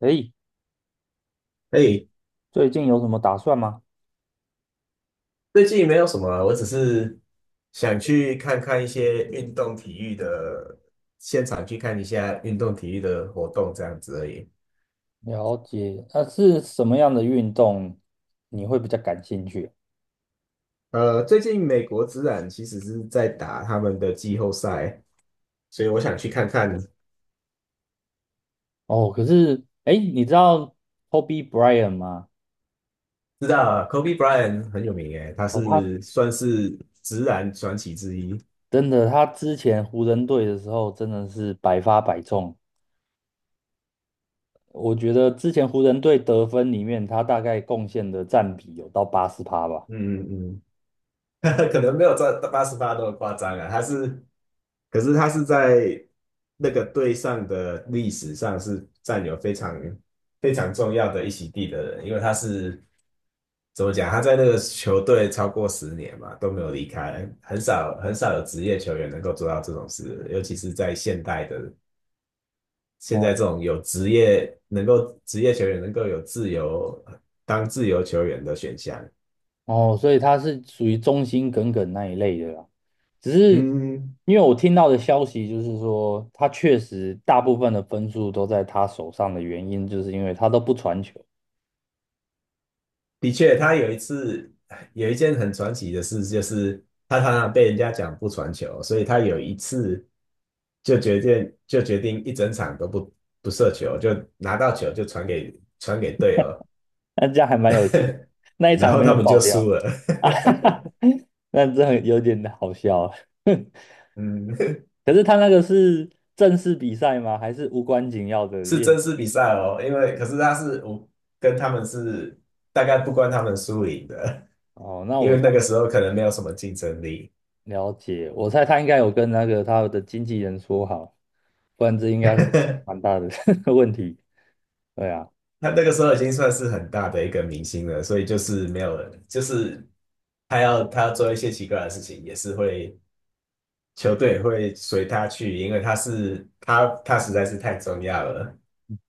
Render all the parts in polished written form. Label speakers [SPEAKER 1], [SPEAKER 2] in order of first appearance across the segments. [SPEAKER 1] 诶，
[SPEAKER 2] 哎，
[SPEAKER 1] 最近有什么打算吗？
[SPEAKER 2] 最近没有什么啊，我只是想去看看一些运动体育的现场，去看一下运动体育的活动这样子而已。
[SPEAKER 1] 了解，那，是什么样的运动你会比较感兴趣？
[SPEAKER 2] 最近美国职篮其实是在打他们的季后赛，所以我想去看看。
[SPEAKER 1] 哦，可是，诶，你知道 Kobe Bryant 吗？
[SPEAKER 2] 知道啊， Kobe Bryant 很有名诶，他
[SPEAKER 1] 哦，他
[SPEAKER 2] 是算是职篮传奇之一。
[SPEAKER 1] 真的，他之前湖人队的时候真的是百发百中。我觉得之前湖人队得分里面，他大概贡献的占比有到80%吧。
[SPEAKER 2] 嗯嗯。嗯，可能没有这88那么夸张啊，可是他是在那个队上的历史上是占有非常非常重要的一席地的人，因为他是怎么讲？他在那个球队超过10年嘛，都没有离开，很少很少有职业球员能够做到这种事，尤其是在现代的现在
[SPEAKER 1] 哦，
[SPEAKER 2] 这种有职业能够职业球员能够有自由当自由球员的选项。
[SPEAKER 1] 哦，所以他是属于忠心耿耿那一类的啦。只是
[SPEAKER 2] 嗯，
[SPEAKER 1] 因为我听到的消息就是说，他确实大部分的分数都在他手上的原因，就是因为他都不传球。
[SPEAKER 2] 的确，他有一次有一件很传奇的事，就是他常常被人家讲不传球，所以他有一次就决定一整场都不射球，就拿到球就传给队友，
[SPEAKER 1] 那这样还蛮有趣的，那一
[SPEAKER 2] 然
[SPEAKER 1] 场
[SPEAKER 2] 后
[SPEAKER 1] 没有
[SPEAKER 2] 他们
[SPEAKER 1] 爆
[SPEAKER 2] 就输
[SPEAKER 1] 掉。
[SPEAKER 2] 了。
[SPEAKER 1] 那这很有点好笑啊。
[SPEAKER 2] 嗯，
[SPEAKER 1] 可是他那个是正式比赛吗？还是无关紧要的
[SPEAKER 2] 是
[SPEAKER 1] 练习？
[SPEAKER 2] 真实比赛哦，因为可是他是我跟他们是大概不关他们输赢的，
[SPEAKER 1] 哦，那
[SPEAKER 2] 因
[SPEAKER 1] 我
[SPEAKER 2] 为
[SPEAKER 1] 才。
[SPEAKER 2] 那个时候可能没有什么竞争力。
[SPEAKER 1] 了解，我猜他应该有跟那个他的经纪人说好，不然这应该会 蛮大的 问题。对啊，
[SPEAKER 2] 他那个时候已经算是很大的一个明星了，所以就是没有人，就是他要做一些奇怪的事情，也是会球队会随他去，因为他实在是太重要了。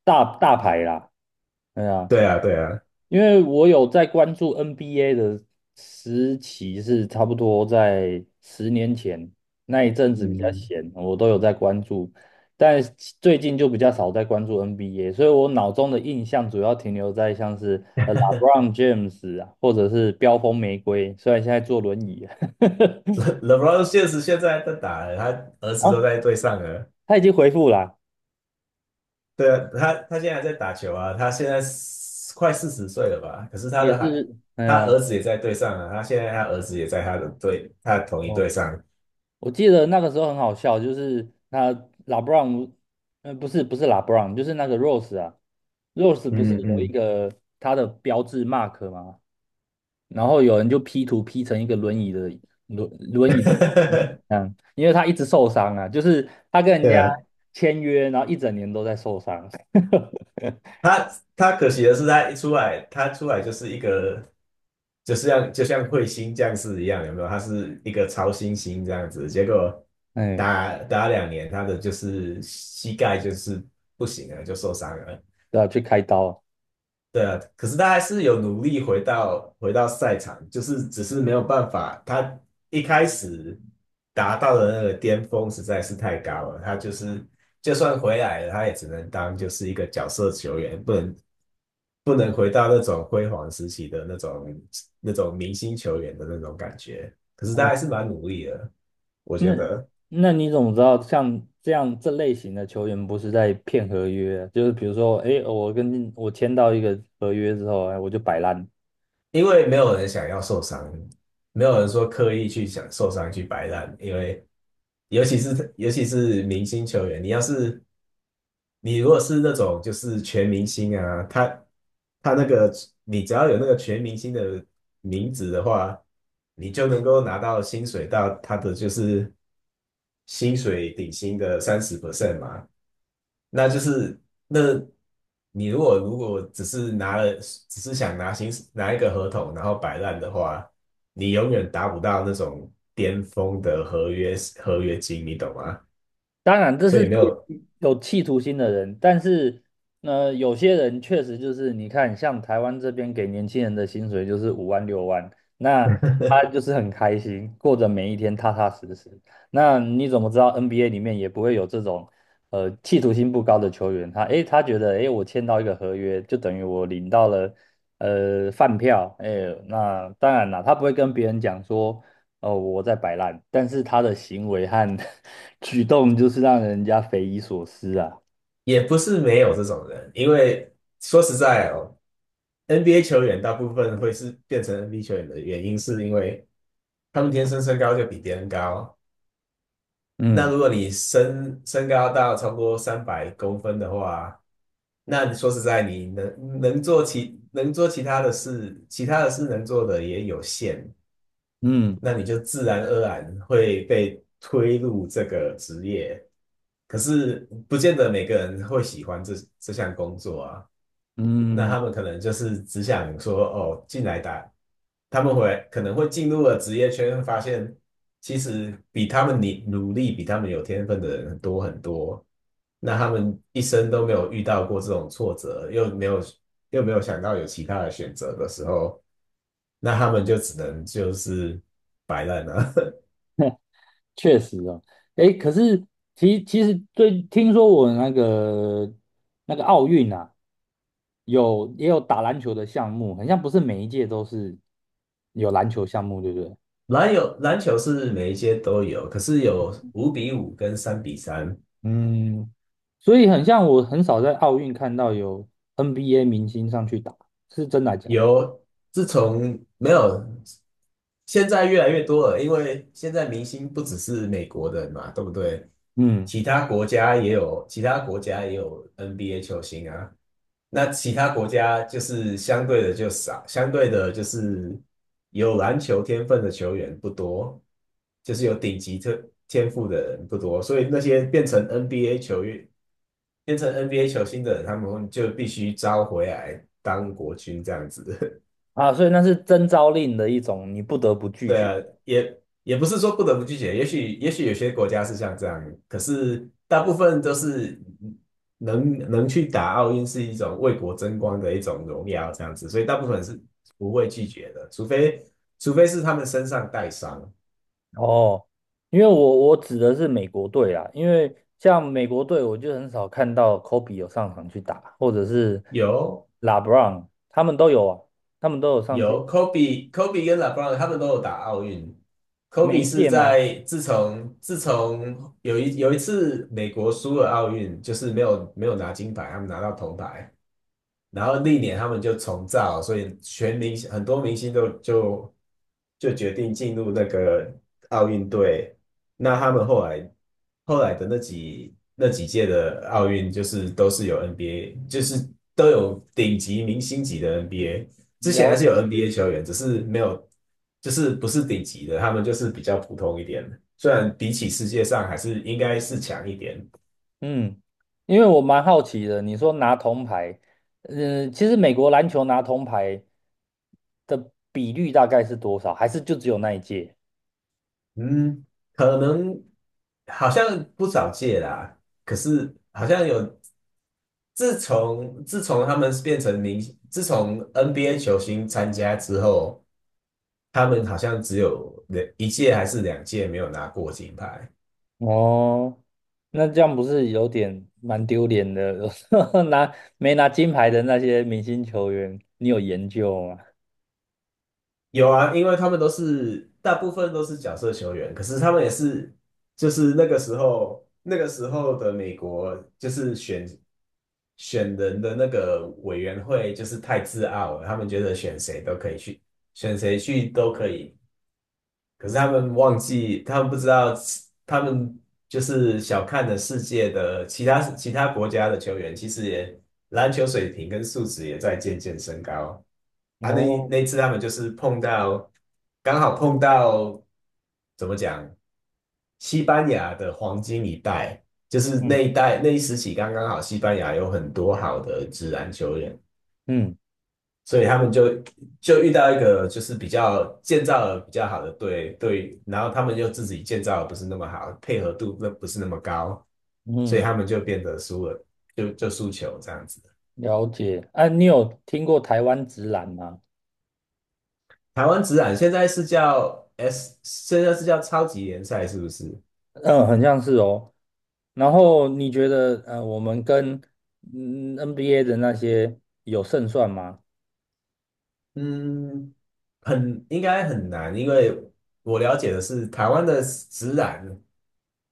[SPEAKER 1] 大大牌啦，对啊，
[SPEAKER 2] 对啊，对啊。
[SPEAKER 1] 因为我有在关注 NBA 的时期是差不多在10年前，那一阵子比较
[SPEAKER 2] 嗯
[SPEAKER 1] 闲，我都有在关注，但是最近就比较少在关注 NBA,所以我脑中的印象主要停留在像是LeBron James 啊，或者是飙风玫瑰，虽然现在坐轮椅。
[SPEAKER 2] ，LeBron 确实现在在打了，他儿 子都
[SPEAKER 1] 啊，
[SPEAKER 2] 在队上了。
[SPEAKER 1] 他已经回复啦，
[SPEAKER 2] 对啊，他现在还在打球啊，他现在是快40岁了吧？可是他
[SPEAKER 1] 也
[SPEAKER 2] 的孩，
[SPEAKER 1] 是，哎
[SPEAKER 2] 他
[SPEAKER 1] 呀，
[SPEAKER 2] 儿子也在队上啊，他现在他儿子也在他的队，他的同一
[SPEAKER 1] 哦，
[SPEAKER 2] 队上。
[SPEAKER 1] 我记得那个时候很好笑，就是他拉布朗，呃，不是拉布朗，就是那个 Rose 啊，Rose 不是
[SPEAKER 2] 嗯
[SPEAKER 1] 有一
[SPEAKER 2] 嗯，
[SPEAKER 1] 个他的标志 mark 吗？然后有人就 P 图 P 成一个轮椅的，轮椅的。 嗯，因为他一直受伤啊，就是他跟人
[SPEAKER 2] 对
[SPEAKER 1] 家
[SPEAKER 2] 啊。
[SPEAKER 1] 签约，然后一整年都在受伤。
[SPEAKER 2] 他可惜的是，他出来就是一个，就是像就像彗星降世一样，有没有？他是一个超新星这样子，结果
[SPEAKER 1] 哎，
[SPEAKER 2] 打2年，他的就是膝盖就是不行了，就受伤了。
[SPEAKER 1] 对啊，去开刀，
[SPEAKER 2] 对啊，可是他还是有努力回到赛场，就是只是没有办法，他一开始达到的那个巅峰实在是太高了，他就是就算回来了，他也只能当就是一个角色球员，不能回到那种辉煌时期的那种明星球员的那种感觉。可是
[SPEAKER 1] 然
[SPEAKER 2] 他还
[SPEAKER 1] 后
[SPEAKER 2] 是蛮努力的，我觉
[SPEAKER 1] 那
[SPEAKER 2] 得。
[SPEAKER 1] 那你怎么知道像这样这类型的球员不是在骗合约啊？就是比如说，哎，我跟我签到一个合约之后，哎，我就摆烂。
[SPEAKER 2] 因为没有人想要受伤，没有人说刻意去想受伤去摆烂，因为尤其是明星球员，你如果是那种就是全明星啊，他那个你只要有那个全明星的名字的话，你就能够拿到薪水到他的就是薪水底薪的30% 嘛。那就是那你如果只是想拿一个合同然后摆烂的话，你永远达不到那种巅峰的合约金，你懂吗？
[SPEAKER 1] 当然，这
[SPEAKER 2] 所
[SPEAKER 1] 是
[SPEAKER 2] 以
[SPEAKER 1] 对
[SPEAKER 2] 没有
[SPEAKER 1] 有企图心的人，但是呢，有些人确实就是你看，像台湾这边给年轻人的薪水就是5万6万，那他就是很开心，过着每一天踏踏实实。那你怎么知道 NBA 里面也不会有这种企图心不高的球员？他诶，他觉得诶，我签到一个合约，就等于我领到了饭票，诶，那当然啦，他不会跟别人讲说，哦，我在摆烂，但是他的行为和 举动就是让人家匪夷所思啊。
[SPEAKER 2] 也不是没有这种人，因为说实在哦，NBA 球员大部分会是变成 NBA 球员的原因，是因为他们天生身高就比别人高。那
[SPEAKER 1] 嗯
[SPEAKER 2] 如果你身高到超过300公分的话，那你说实在，你能做其他的事，能做的也有限。
[SPEAKER 1] 嗯
[SPEAKER 2] 那你就自然而然会被推入这个职业。可是不见得每个人会喜欢这项工作啊。那
[SPEAKER 1] 嗯，
[SPEAKER 2] 他们可能就是只想说，哦，进来打，他们会可能会进入了职业圈，发现其实比他们努力、比他们有天分的人多很多。那他们一生都没有遇到过这种挫折，又没有想到有其他的选择的时候，那他们就只能就是摆烂了。
[SPEAKER 1] 确实哦。诶，可是其实最听说我那个那个奥运啊，有也有打篮球的项目，好像不是每一届都是有篮球项目，对不对？
[SPEAKER 2] 有篮球是每一届都有，可是有5比5跟3比3。
[SPEAKER 1] 嗯，所以很像我很少在奥运看到有 NBA 明星上去打，是真的还假的？
[SPEAKER 2] 有自从没有，现在越来越多了，因为现在明星不只是美国人嘛，对不对？
[SPEAKER 1] 嗯。
[SPEAKER 2] 其他国家也有，其他国家也有 NBA 球星啊。那其他国家就是相对的就少，相对的就是有篮球天分的球员不多，就是有顶级天赋的人不多，所以那些变成 NBA 球员、变成 NBA 球星的人，他们就必须招回来当国军这样子。
[SPEAKER 1] 啊，所以那是征召令的一种，你不得不拒
[SPEAKER 2] 对
[SPEAKER 1] 绝。
[SPEAKER 2] 啊，也也不是说不得不拒绝，也许有些国家是像这样，可是大部分都是能去打奥运是一种为国争光的一种荣耀这样子，所以大部分是不会拒绝的，除非是他们身上带伤。
[SPEAKER 1] 哦，因为我指的是美国队啦，因为像美国队，我就很少看到 Kobe 有上场去打，或者是
[SPEAKER 2] 有
[SPEAKER 1] LeBron,他们都有啊，他们都有上去。
[SPEAKER 2] 有，Kobe 跟 LeBron 他们都有打奥运。
[SPEAKER 1] 每
[SPEAKER 2] Kobe
[SPEAKER 1] 一
[SPEAKER 2] 是
[SPEAKER 1] 届吗？
[SPEAKER 2] 在自从有一次美国输了奥运，就是没有拿金牌，他们拿到铜牌。然后历年他们就重造，所以全明星很多明星都就就决定进入那个奥运队。那他们后来的那几届的奥运，就是都是有 NBA，就是都有顶级明星级的 NBA。之前
[SPEAKER 1] 了
[SPEAKER 2] 还是有
[SPEAKER 1] 解。
[SPEAKER 2] NBA 球员，只是没有，就是不是顶级的，他们就是比较普通一点。虽然比起世界上还是应该是强一点。
[SPEAKER 1] 嗯，因为我蛮好奇的，你说拿铜牌。嗯，其实美国篮球拿铜牌的比率大概是多少？还是就只有那一届？
[SPEAKER 2] 嗯，可能好像不少届啦，可是好像有，自从他们变成明星自从 NBA 球星参加之后，他们好像只有两一届还是两届没有拿过金牌。
[SPEAKER 1] 哦，那这样不是有点蛮丢脸的？拿没拿金牌的那些明星球员，你有研究吗？
[SPEAKER 2] 有啊，因为他们都是大部分都是角色球员，可是他们也是就是那个时候的美国就是选人的那个委员会就是太自傲了，他们觉得选谁都可以去，选谁去都可以。可是他们忘记，他们不知道，他们就是小看了世界的其他国家的球员，其实也篮球水平跟素质也在渐渐升高。啊，
[SPEAKER 1] 哦。
[SPEAKER 2] 那一次他们就是碰到，刚好碰到怎么讲，西班牙的黄金一代，就是
[SPEAKER 1] 嗯
[SPEAKER 2] 那一时期刚刚好，西班牙有很多好的职篮球员，
[SPEAKER 1] 嗯
[SPEAKER 2] 所以他们就就遇到一个就是比较建造的比较好的队，然后他们就自己建造的不是那么好，配合度那不是那么高，所以
[SPEAKER 1] 嗯，
[SPEAKER 2] 他们就变得输了，就输球这样子。
[SPEAKER 1] 了解。啊，你有听过台湾直篮吗？
[SPEAKER 2] 台湾职篮现在是叫 S，现在是叫超级联赛是不是？
[SPEAKER 1] 嗯，很像是哦。然后你觉得，我们跟嗯 NBA 的那些有胜算吗？
[SPEAKER 2] 嗯，很应该很难，因为我了解的是台湾的职篮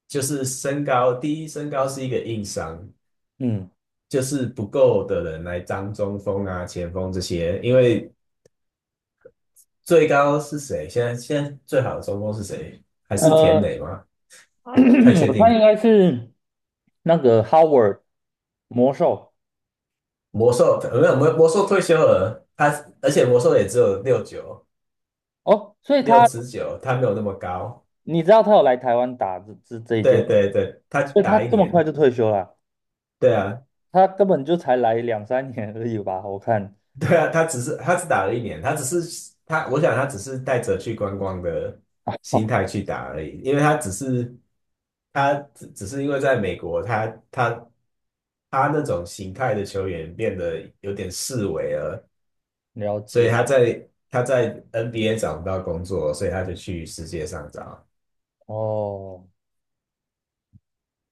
[SPEAKER 2] 就是身高，第一身高是一个硬伤，
[SPEAKER 1] 嗯。
[SPEAKER 2] 就是不够的人来当中锋啊、前锋这些，因为最高是谁？现在最好的中锋是谁？还是田磊
[SPEAKER 1] 呃，
[SPEAKER 2] 吗？太 确
[SPEAKER 1] 我猜
[SPEAKER 2] 定。
[SPEAKER 1] 应该是那个 Howard 魔兽。
[SPEAKER 2] 魔兽呃没有魔兽退休了，他而且魔兽也只有
[SPEAKER 1] 哦，所以
[SPEAKER 2] 六
[SPEAKER 1] 他
[SPEAKER 2] 十九，他没有那么高。
[SPEAKER 1] 你知道他有来台湾打这一
[SPEAKER 2] 对
[SPEAKER 1] 件，
[SPEAKER 2] 对对，他
[SPEAKER 1] 所以他
[SPEAKER 2] 打一
[SPEAKER 1] 这么快
[SPEAKER 2] 年。
[SPEAKER 1] 就退休了，
[SPEAKER 2] 对啊，
[SPEAKER 1] 他根本就才来两三年而已吧？我看
[SPEAKER 2] 对啊，他只打了一年，他只是他，我想他只是带着去观光的心态去打而已，因为他只是只是因为在美国，他那种形态的球员变得有点式微了，
[SPEAKER 1] 了
[SPEAKER 2] 所以
[SPEAKER 1] 解
[SPEAKER 2] 他在 NBA 找不到工作，所以他就去世界上找。
[SPEAKER 1] 哦。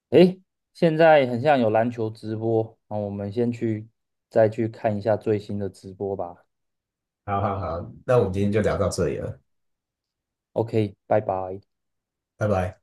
[SPEAKER 1] 诶，现在很像有篮球直播，那我们先去再去看一下最新的直播吧。
[SPEAKER 2] 好好好，那我们今天就聊到这里了。
[SPEAKER 1] OK,拜拜。
[SPEAKER 2] 拜拜。